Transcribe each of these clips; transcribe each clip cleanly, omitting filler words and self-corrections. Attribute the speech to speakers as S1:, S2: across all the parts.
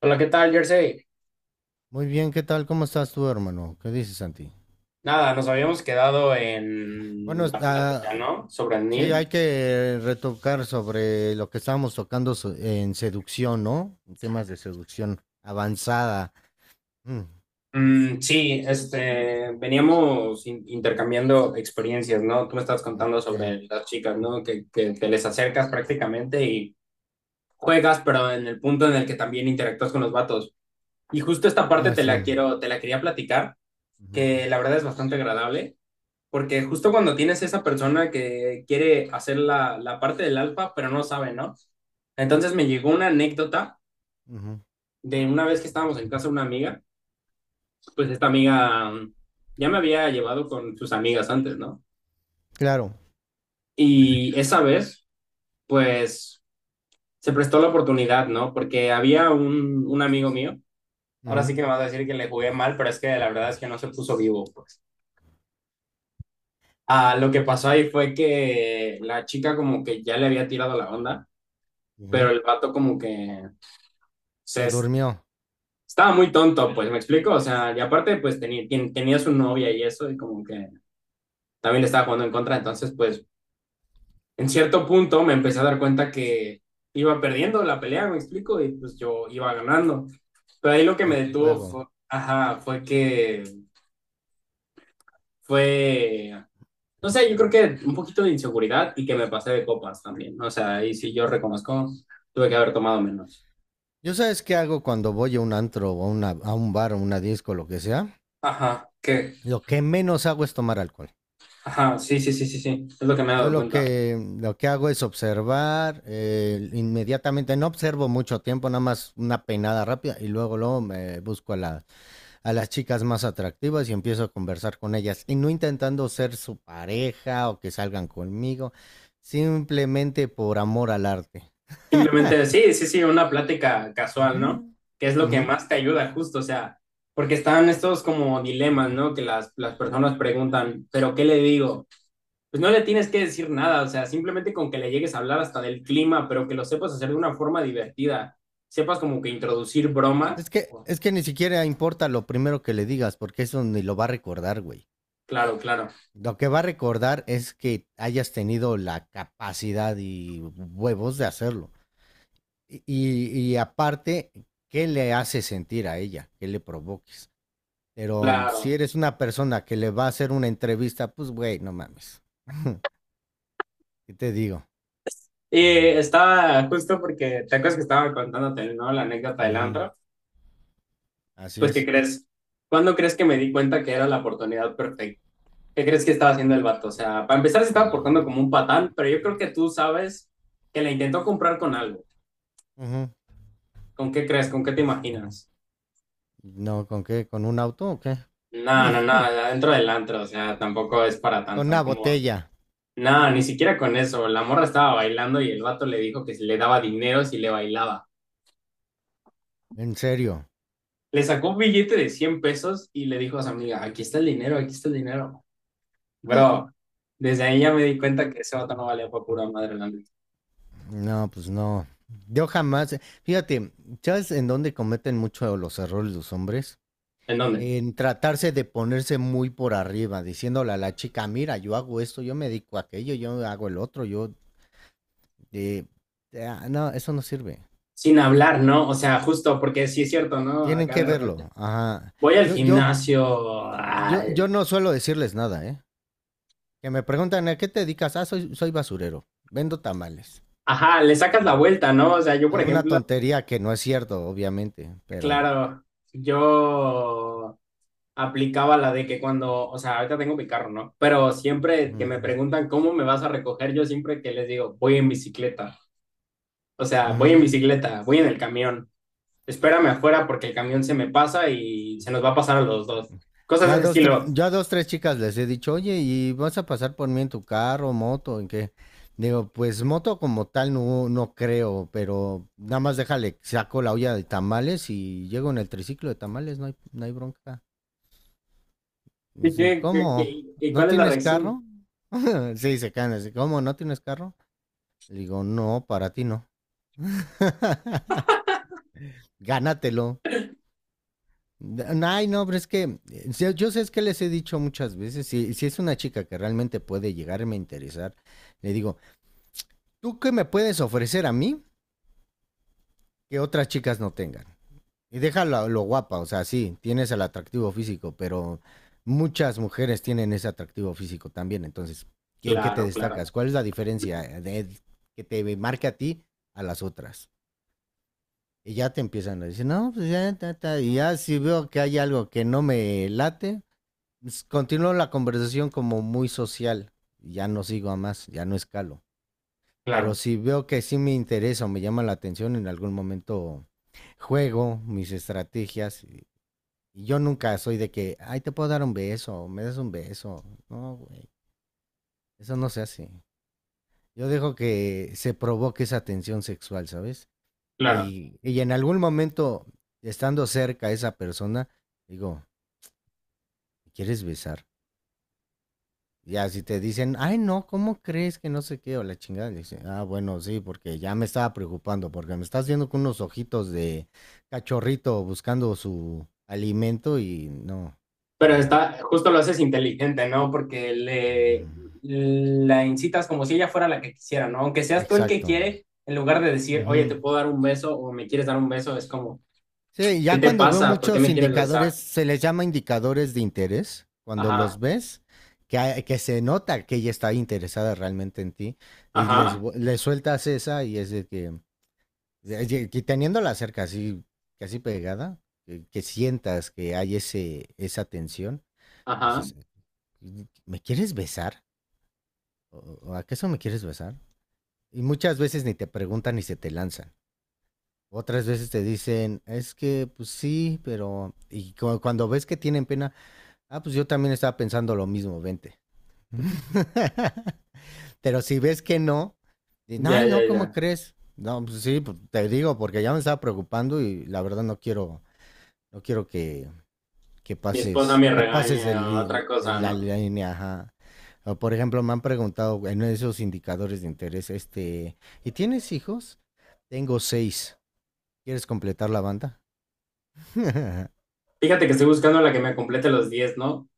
S1: Hola, ¿qué tal, Jersey?
S2: Muy bien, ¿qué tal? ¿Cómo estás tú, hermano? ¿Qué dices, Santi?
S1: Nada, nos habíamos quedado en
S2: Bueno,
S1: la plática, ¿no? Sobre
S2: sí, hay
S1: Neil.
S2: que retocar sobre lo que estábamos tocando en seducción, ¿no? Temas de seducción avanzada. Mm,
S1: Mm, sí, este, veníamos intercambiando experiencias, ¿no? Tú me estabas
S2: mm,
S1: contando
S2: sí.
S1: sobre las chicas, ¿no? Que te les acercas prácticamente y juegas, pero en el punto en el que también interactúas con los vatos. Y justo esta parte
S2: Ah,
S1: te
S2: sí.
S1: la quiero, te la quería platicar,
S2: Ujú,
S1: que la verdad es bastante agradable. Porque justo cuando tienes esa persona que quiere hacer la parte del alfa, pero no sabe, ¿no? Entonces me llegó una anécdota
S2: ujú.
S1: de una vez que estábamos en casa de una amiga, pues esta amiga ya me había llevado con sus amigas antes, ¿no?
S2: Claro.
S1: Y esa vez, pues se prestó la oportunidad, ¿no? Porque había un amigo mío, ahora
S2: Ujú,
S1: sí que me vas a decir que le jugué mal, pero es que la verdad es que no se puso vivo, pues. Ah, lo que pasó ahí fue que la chica como que ya le había tirado la onda, pero
S2: ujú.
S1: el vato como que sea,
S2: Se durmió
S1: estaba muy tonto, pues, ¿me explico? O sea, y aparte, pues, tenía su novia y eso, y como que también le estaba jugando en contra, entonces, pues, en cierto punto me empecé a dar cuenta que iba perdiendo la pelea, ¿me explico? Y, pues, yo iba ganando. Pero ahí lo que
S2: el
S1: me detuvo
S2: juego.
S1: fue, ajá, fue que fue, no sé, yo creo que un poquito de inseguridad y que me pasé de copas también. O sea, ahí sí yo reconozco, tuve que haber tomado menos.
S2: ¿Yo sabes qué hago cuando voy a un antro o a un bar o una disco, lo que sea?
S1: Ajá, que,
S2: Lo que menos hago es tomar alcohol.
S1: ajá, sí, sí, sí, sí, sí, es lo que me he
S2: Yo
S1: dado
S2: lo
S1: cuenta.
S2: que, lo que hago es observar, inmediatamente, no observo mucho tiempo, nada más una peinada rápida y luego, luego me busco a las chicas más atractivas y empiezo a conversar con ellas. Y no intentando ser su pareja o que salgan conmigo, simplemente por amor al arte.
S1: Simplemente, sí, sí, sí, una plática casual, ¿no?
S2: Ujú,
S1: Que es lo que
S2: ujú.
S1: más te ayuda, justo, o sea, porque están estos como dilemas, ¿no? Que las personas preguntan, ¿pero qué le digo? Pues no le tienes que decir nada, o sea, simplemente con que le llegues a hablar hasta del clima, pero que lo sepas hacer de una forma divertida, sepas como que introducir
S2: Es
S1: bromas.
S2: que,
S1: Oh,
S2: es que ni siquiera importa lo primero que le digas, porque eso ni lo va a recordar, güey.
S1: claro, claro,
S2: Lo que va a recordar es que hayas tenido la capacidad y huevos de hacerlo. Y aparte, ¿qué le hace sentir a ella? ¿Qué le provoques? Pero si
S1: claro.
S2: eres una persona que le va a hacer una entrevista, pues güey, no mames. ¿Qué te digo?
S1: Y
S2: Mm.
S1: estaba justo porque, ¿te acuerdas que estaba contándote, ¿no? La anécdota del
S2: Ujú.
S1: antro.
S2: Así
S1: Pues, ¿qué
S2: es.
S1: crees? ¿Cuándo crees que me di cuenta que era la oportunidad perfecta? ¿Qué crees que estaba haciendo el vato? O sea, para empezar se estaba portando como un patán, pero yo creo que tú sabes que la intentó comprar con algo.
S2: Ujú.
S1: ¿Con qué crees? ¿Con qué te imaginas?
S2: ¿No con qué? ¿Con un auto o qué?
S1: No, no, no, dentro del antro, o sea, tampoco es para
S2: Con
S1: tanto,
S2: una
S1: como...
S2: botella.
S1: No, ni siquiera con eso. La morra estaba bailando y el vato le dijo que si le daba dinero si le bailaba.
S2: En serio.
S1: Le sacó un billete de 100 pesos y le dijo a su amiga, aquí está el dinero, aquí está el dinero. Bro, desde ahí ya me di cuenta que ese vato no valía por pura madre, la neta.
S2: No, pues no. Yo jamás, fíjate, ¿sabes en dónde cometen mucho los errores los hombres?
S1: ¿En dónde?
S2: En tratarse de ponerse muy por arriba, diciéndole a la chica, mira, yo hago esto, yo me dedico a aquello, yo hago el otro, eh, ah, no, eso no sirve.
S1: Sin hablar, ¿no? O sea, justo porque sí es cierto, ¿no?
S2: Tienen
S1: Acá
S2: que
S1: de repente.
S2: verlo. Ajá.
S1: Voy al
S2: Yo, yo,
S1: gimnasio.
S2: yo, yo no suelo decirles nada, ¿eh? Que me preguntan, ¿a qué te dedicas? Ah, soy basurero, vendo tamales.
S1: Ajá, le sacas la
S2: Mm.
S1: vuelta, ¿no? O sea, yo, por
S2: Alguna
S1: ejemplo,
S2: tontería que no es cierto, obviamente, pero.
S1: claro, yo aplicaba la de que cuando, o sea, ahorita tengo mi carro, ¿no? Pero siempre que
S2: Ujú,
S1: me preguntan cómo me vas a recoger, yo siempre que les digo, voy en bicicleta. O sea, voy en
S2: ujú.
S1: bicicleta, voy en el camión. Espérame afuera porque el camión se me pasa y se nos va a pasar a los dos. Cosas de ese estilo.
S2: Yo dos, tres chicas les he dicho, oye, ¿y vas a pasar por mí en tu carro, moto, en qué? Digo, pues moto como tal no, no creo, pero nada más déjale, saco la olla de tamales y llego en el triciclo de tamales, no hay bronca. Y
S1: ¿Y
S2: dicen,
S1: qué, qué-
S2: ¿cómo?
S1: qué- y
S2: ¿No
S1: cuál es la
S2: tienes
S1: reacción?
S2: carro? Sí, se caen así, ¿cómo? ¿No tienes carro? Le digo, no, para ti no. Gánatelo. Ay, no, pero es que yo sé es que les he dicho muchas veces, si es una chica que realmente puede llegarme a interesar, le digo, ¿tú qué me puedes ofrecer a mí que otras chicas no tengan? Y déjalo lo guapa, o sea, sí, tienes el atractivo físico, pero muchas mujeres tienen ese atractivo físico también, entonces, ¿en qué te
S1: Claro, claro,
S2: destacas? ¿Cuál es la diferencia que te marca a ti a las otras? Y ya te empiezan a decir, no, pues ya, ta, ta", y ya si veo que hay algo que no me late, continúo la conversación como muy social. Ya no sigo a más, ya no escalo. Pero
S1: claro,
S2: si veo que sí me interesa o me llama la atención, en algún momento juego mis estrategias. Y yo nunca soy de que, ay, te puedo dar un beso, me das un beso. No, güey, eso no se hace. Yo dejo que se provoque esa tensión sexual, ¿sabes?
S1: claro.
S2: Y en algún momento, estando cerca a esa persona, digo, ¿me ¿quieres besar? Ya, si te dicen, ay, no, ¿cómo crees que no sé qué? O la chingada, dice, ah, bueno, sí, porque ya me estaba preocupando, porque me estás viendo con unos ojitos de cachorrito buscando su alimento y no, o
S1: Pero
S2: sea,
S1: está, justo lo haces inteligente, ¿no? Porque
S2: ujú,
S1: le la incitas como si ella fuera la que quisiera, ¿no? Aunque seas tú el que
S2: exacto.
S1: quiere, en lugar de decir, oye, te
S2: Ujú.
S1: puedo dar un beso o me quieres dar un beso, es como,
S2: Sí,
S1: ¿qué
S2: ya
S1: te
S2: cuando veo
S1: pasa? ¿Por qué
S2: muchos
S1: me quieres besar?
S2: indicadores, se les llama indicadores de interés, cuando
S1: Ajá,
S2: los ves, que se nota que ella está interesada realmente en ti, y les,
S1: ajá,
S2: vu- le sueltas esa y es de que, y que teniéndola cerca, así, casi pegada, que sientas que hay esa tensión,
S1: ajá.
S2: dices, ¿me quieres besar? O acaso me quieres besar? Y muchas veces ni te preguntan ni se te lanzan. Otras veces te dicen, es que, pues sí, pero. Y cuando ves que tienen pena, ah, pues yo también estaba pensando lo mismo, vente. Pero si ves que no,
S1: Ya,
S2: ay,
S1: ya,
S2: no, ¿cómo
S1: ya.
S2: crees? No, pues sí, pues, te digo, porque ya me estaba preocupando y la verdad no quiero. No quiero que, que
S1: Mi esposa
S2: pases,
S1: me
S2: que pases
S1: regaña,
S2: de,
S1: otra cosa,
S2: la
S1: ¿no?
S2: línea, ajá. O, por ejemplo, me han preguntado en esos indicadores de interés, este, ¿y tienes hijos? Tengo seis. ¿Quieres completar la banda?
S1: Fíjate que estoy buscando la que me complete los 10, ¿no?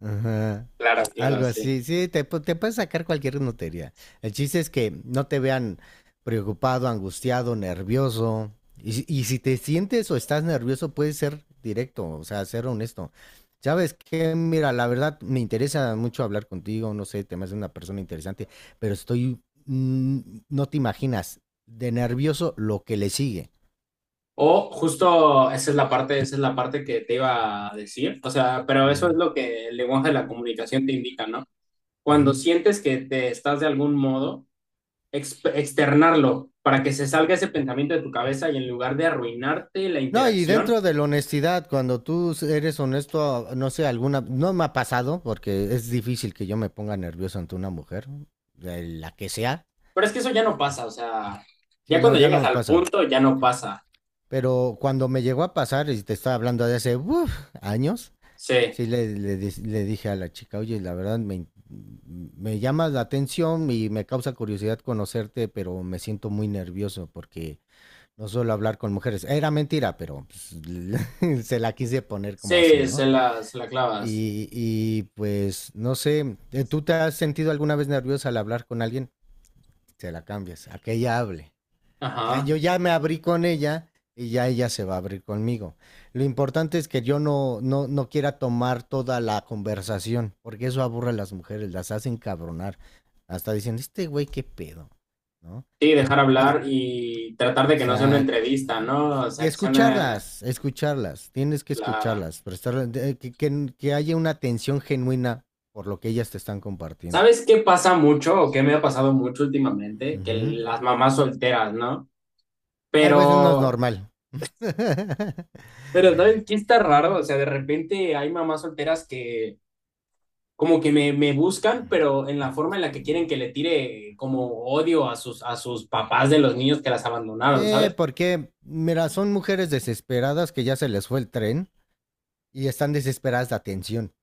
S2: Ajá.
S1: Claro, claro,
S2: Algo
S1: sí.
S2: así, sí, te puedes sacar cualquier notería. El chiste es que no te vean preocupado, angustiado, nervioso. Y si te sientes o estás nervioso, puedes ser directo, o sea, ser honesto. ¿Sabes qué? Mira, la verdad me interesa mucho hablar contigo, no sé, te me haces una persona interesante, pero estoy, mm, no te imaginas, de nervioso lo que le sigue.
S1: O justo esa es la parte, esa es la parte que te iba a decir. O sea, pero eso es
S2: Ujú,
S1: lo que el lenguaje de la comunicación te indica, ¿no? Cuando
S2: ujú.
S1: sientes que te estás de algún modo, externarlo para que se salga ese pensamiento de tu cabeza y en lugar de arruinarte la
S2: No, y
S1: interacción.
S2: dentro de la honestidad, cuando tú eres honesto, no sé, alguna, no me ha pasado, porque es difícil que yo me ponga nervioso ante una mujer, de la que sea.
S1: Pero es que eso ya no pasa, o sea, ya
S2: Sí, no,
S1: cuando
S2: ya no
S1: llegas
S2: me
S1: al
S2: pasa.
S1: punto ya no pasa.
S2: Pero cuando me llegó a pasar, y te estaba hablando de hace uf, años,
S1: Sí,
S2: sí le dije a la chica, oye, la verdad me llamas la atención y me causa curiosidad conocerte, pero me siento muy nervioso porque no suelo hablar con mujeres. Era mentira, pero pues, se la quise poner como así,
S1: sí,
S2: ¿no?
S1: se la clavas.
S2: Y pues, no sé, ¿tú te has sentido alguna vez nerviosa al hablar con alguien? Se la cambias, a que ella hable. O sea,
S1: Ajá.
S2: yo ya me abrí con ella y ya ella se va a abrir conmigo. Lo importante es que yo no quiera tomar toda la conversación, porque eso aburre a las mujeres, las hacen cabronar. Hasta dicen, este güey, qué pedo, ¿no?
S1: Sí, dejar
S2: Porque
S1: hablar y tratar de que no sea una
S2: Exacto.
S1: entrevista, ¿no? O
S2: Y
S1: sea, que sea una...
S2: escucharlas, escucharlas, tienes que
S1: Clara.
S2: escucharlas, prestar, que haya una atención genuina por lo que ellas te están compartiendo.
S1: ¿Sabes qué pasa mucho o qué me ha pasado mucho últimamente? Que
S2: Ujú.
S1: las mamás solteras, ¿no?
S2: Ah, pues no es
S1: Pero,
S2: normal.
S1: pero ¿sabes qué está raro? O
S2: Mm.
S1: sea, de repente hay mamás solteras que como que me buscan, pero en la forma en la que quieren que le tire como odio a sus papás de los niños que las abandonaron,
S2: Sí,
S1: ¿sabes?
S2: porque, mira, son mujeres desesperadas que ya se les fue el tren y están desesperadas de atención.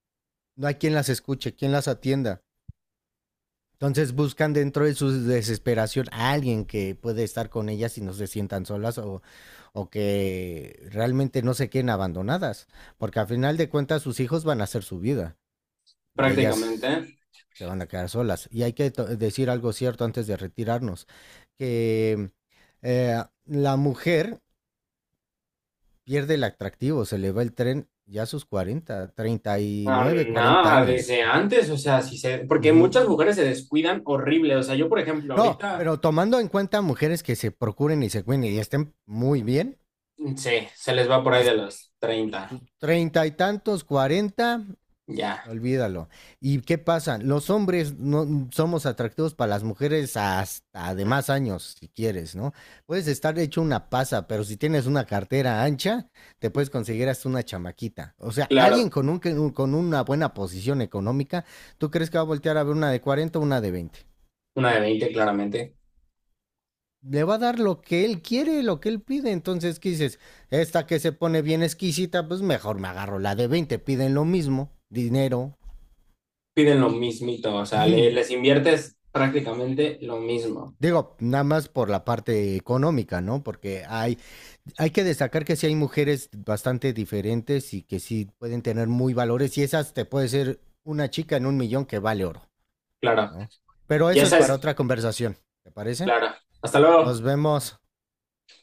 S2: No hay quien las escuche, quien las atienda. Entonces buscan dentro de su desesperación a alguien que puede estar con ellas y no se sientan solas o que realmente no se queden abandonadas, porque al final de cuentas sus hijos van a hacer su vida y
S1: Prácticamente.
S2: ellas se van a quedar solas. Y hay que decir algo cierto antes de retirarnos, que la mujer pierde el atractivo, se le va el tren ya a sus 40,
S1: Ah,
S2: 39, 40
S1: nada, desde
S2: años.
S1: antes, o sea, si se,
S2: Uh
S1: porque muchas
S2: -huh.
S1: mujeres se descuidan horrible. O sea, yo, por ejemplo,
S2: No,
S1: ahorita,
S2: pero tomando en cuenta mujeres que se procuren y se cuiden y estén muy bien,
S1: sí, se les va por ahí de
S2: hasta
S1: los
S2: sus
S1: 30
S2: treinta y tantos, 40,
S1: ya.
S2: olvídalo. ¿Y qué pasa? Los hombres no somos atractivos para las mujeres hasta de más años, si quieres, ¿no? Puedes estar hecho una pasa, pero si tienes una cartera ancha, te puedes conseguir hasta una chamaquita. O sea,
S1: Claro,
S2: alguien con una buena posición económica, ¿tú crees que va a voltear a ver una de 40, o una de 20?
S1: una de 20 claramente,
S2: Le va a dar lo que él quiere, lo que él pide. Entonces, ¿qué dices? Esta que se pone bien exquisita, pues mejor me agarro la de 20. Piden lo mismo, dinero.
S1: piden lo mismito, o sea, les inviertes prácticamente lo mismo.
S2: Digo, nada más por la parte económica, ¿no? Porque hay que destacar que sí hay mujeres bastante diferentes y que sí pueden tener muy valores y esas te puede ser una chica en un millón que vale oro,
S1: Claro,
S2: ¿no? Pero
S1: y
S2: eso es
S1: esa
S2: para
S1: es,
S2: otra conversación, ¿te parece?
S1: claro. Hasta
S2: Nos
S1: luego.
S2: vemos.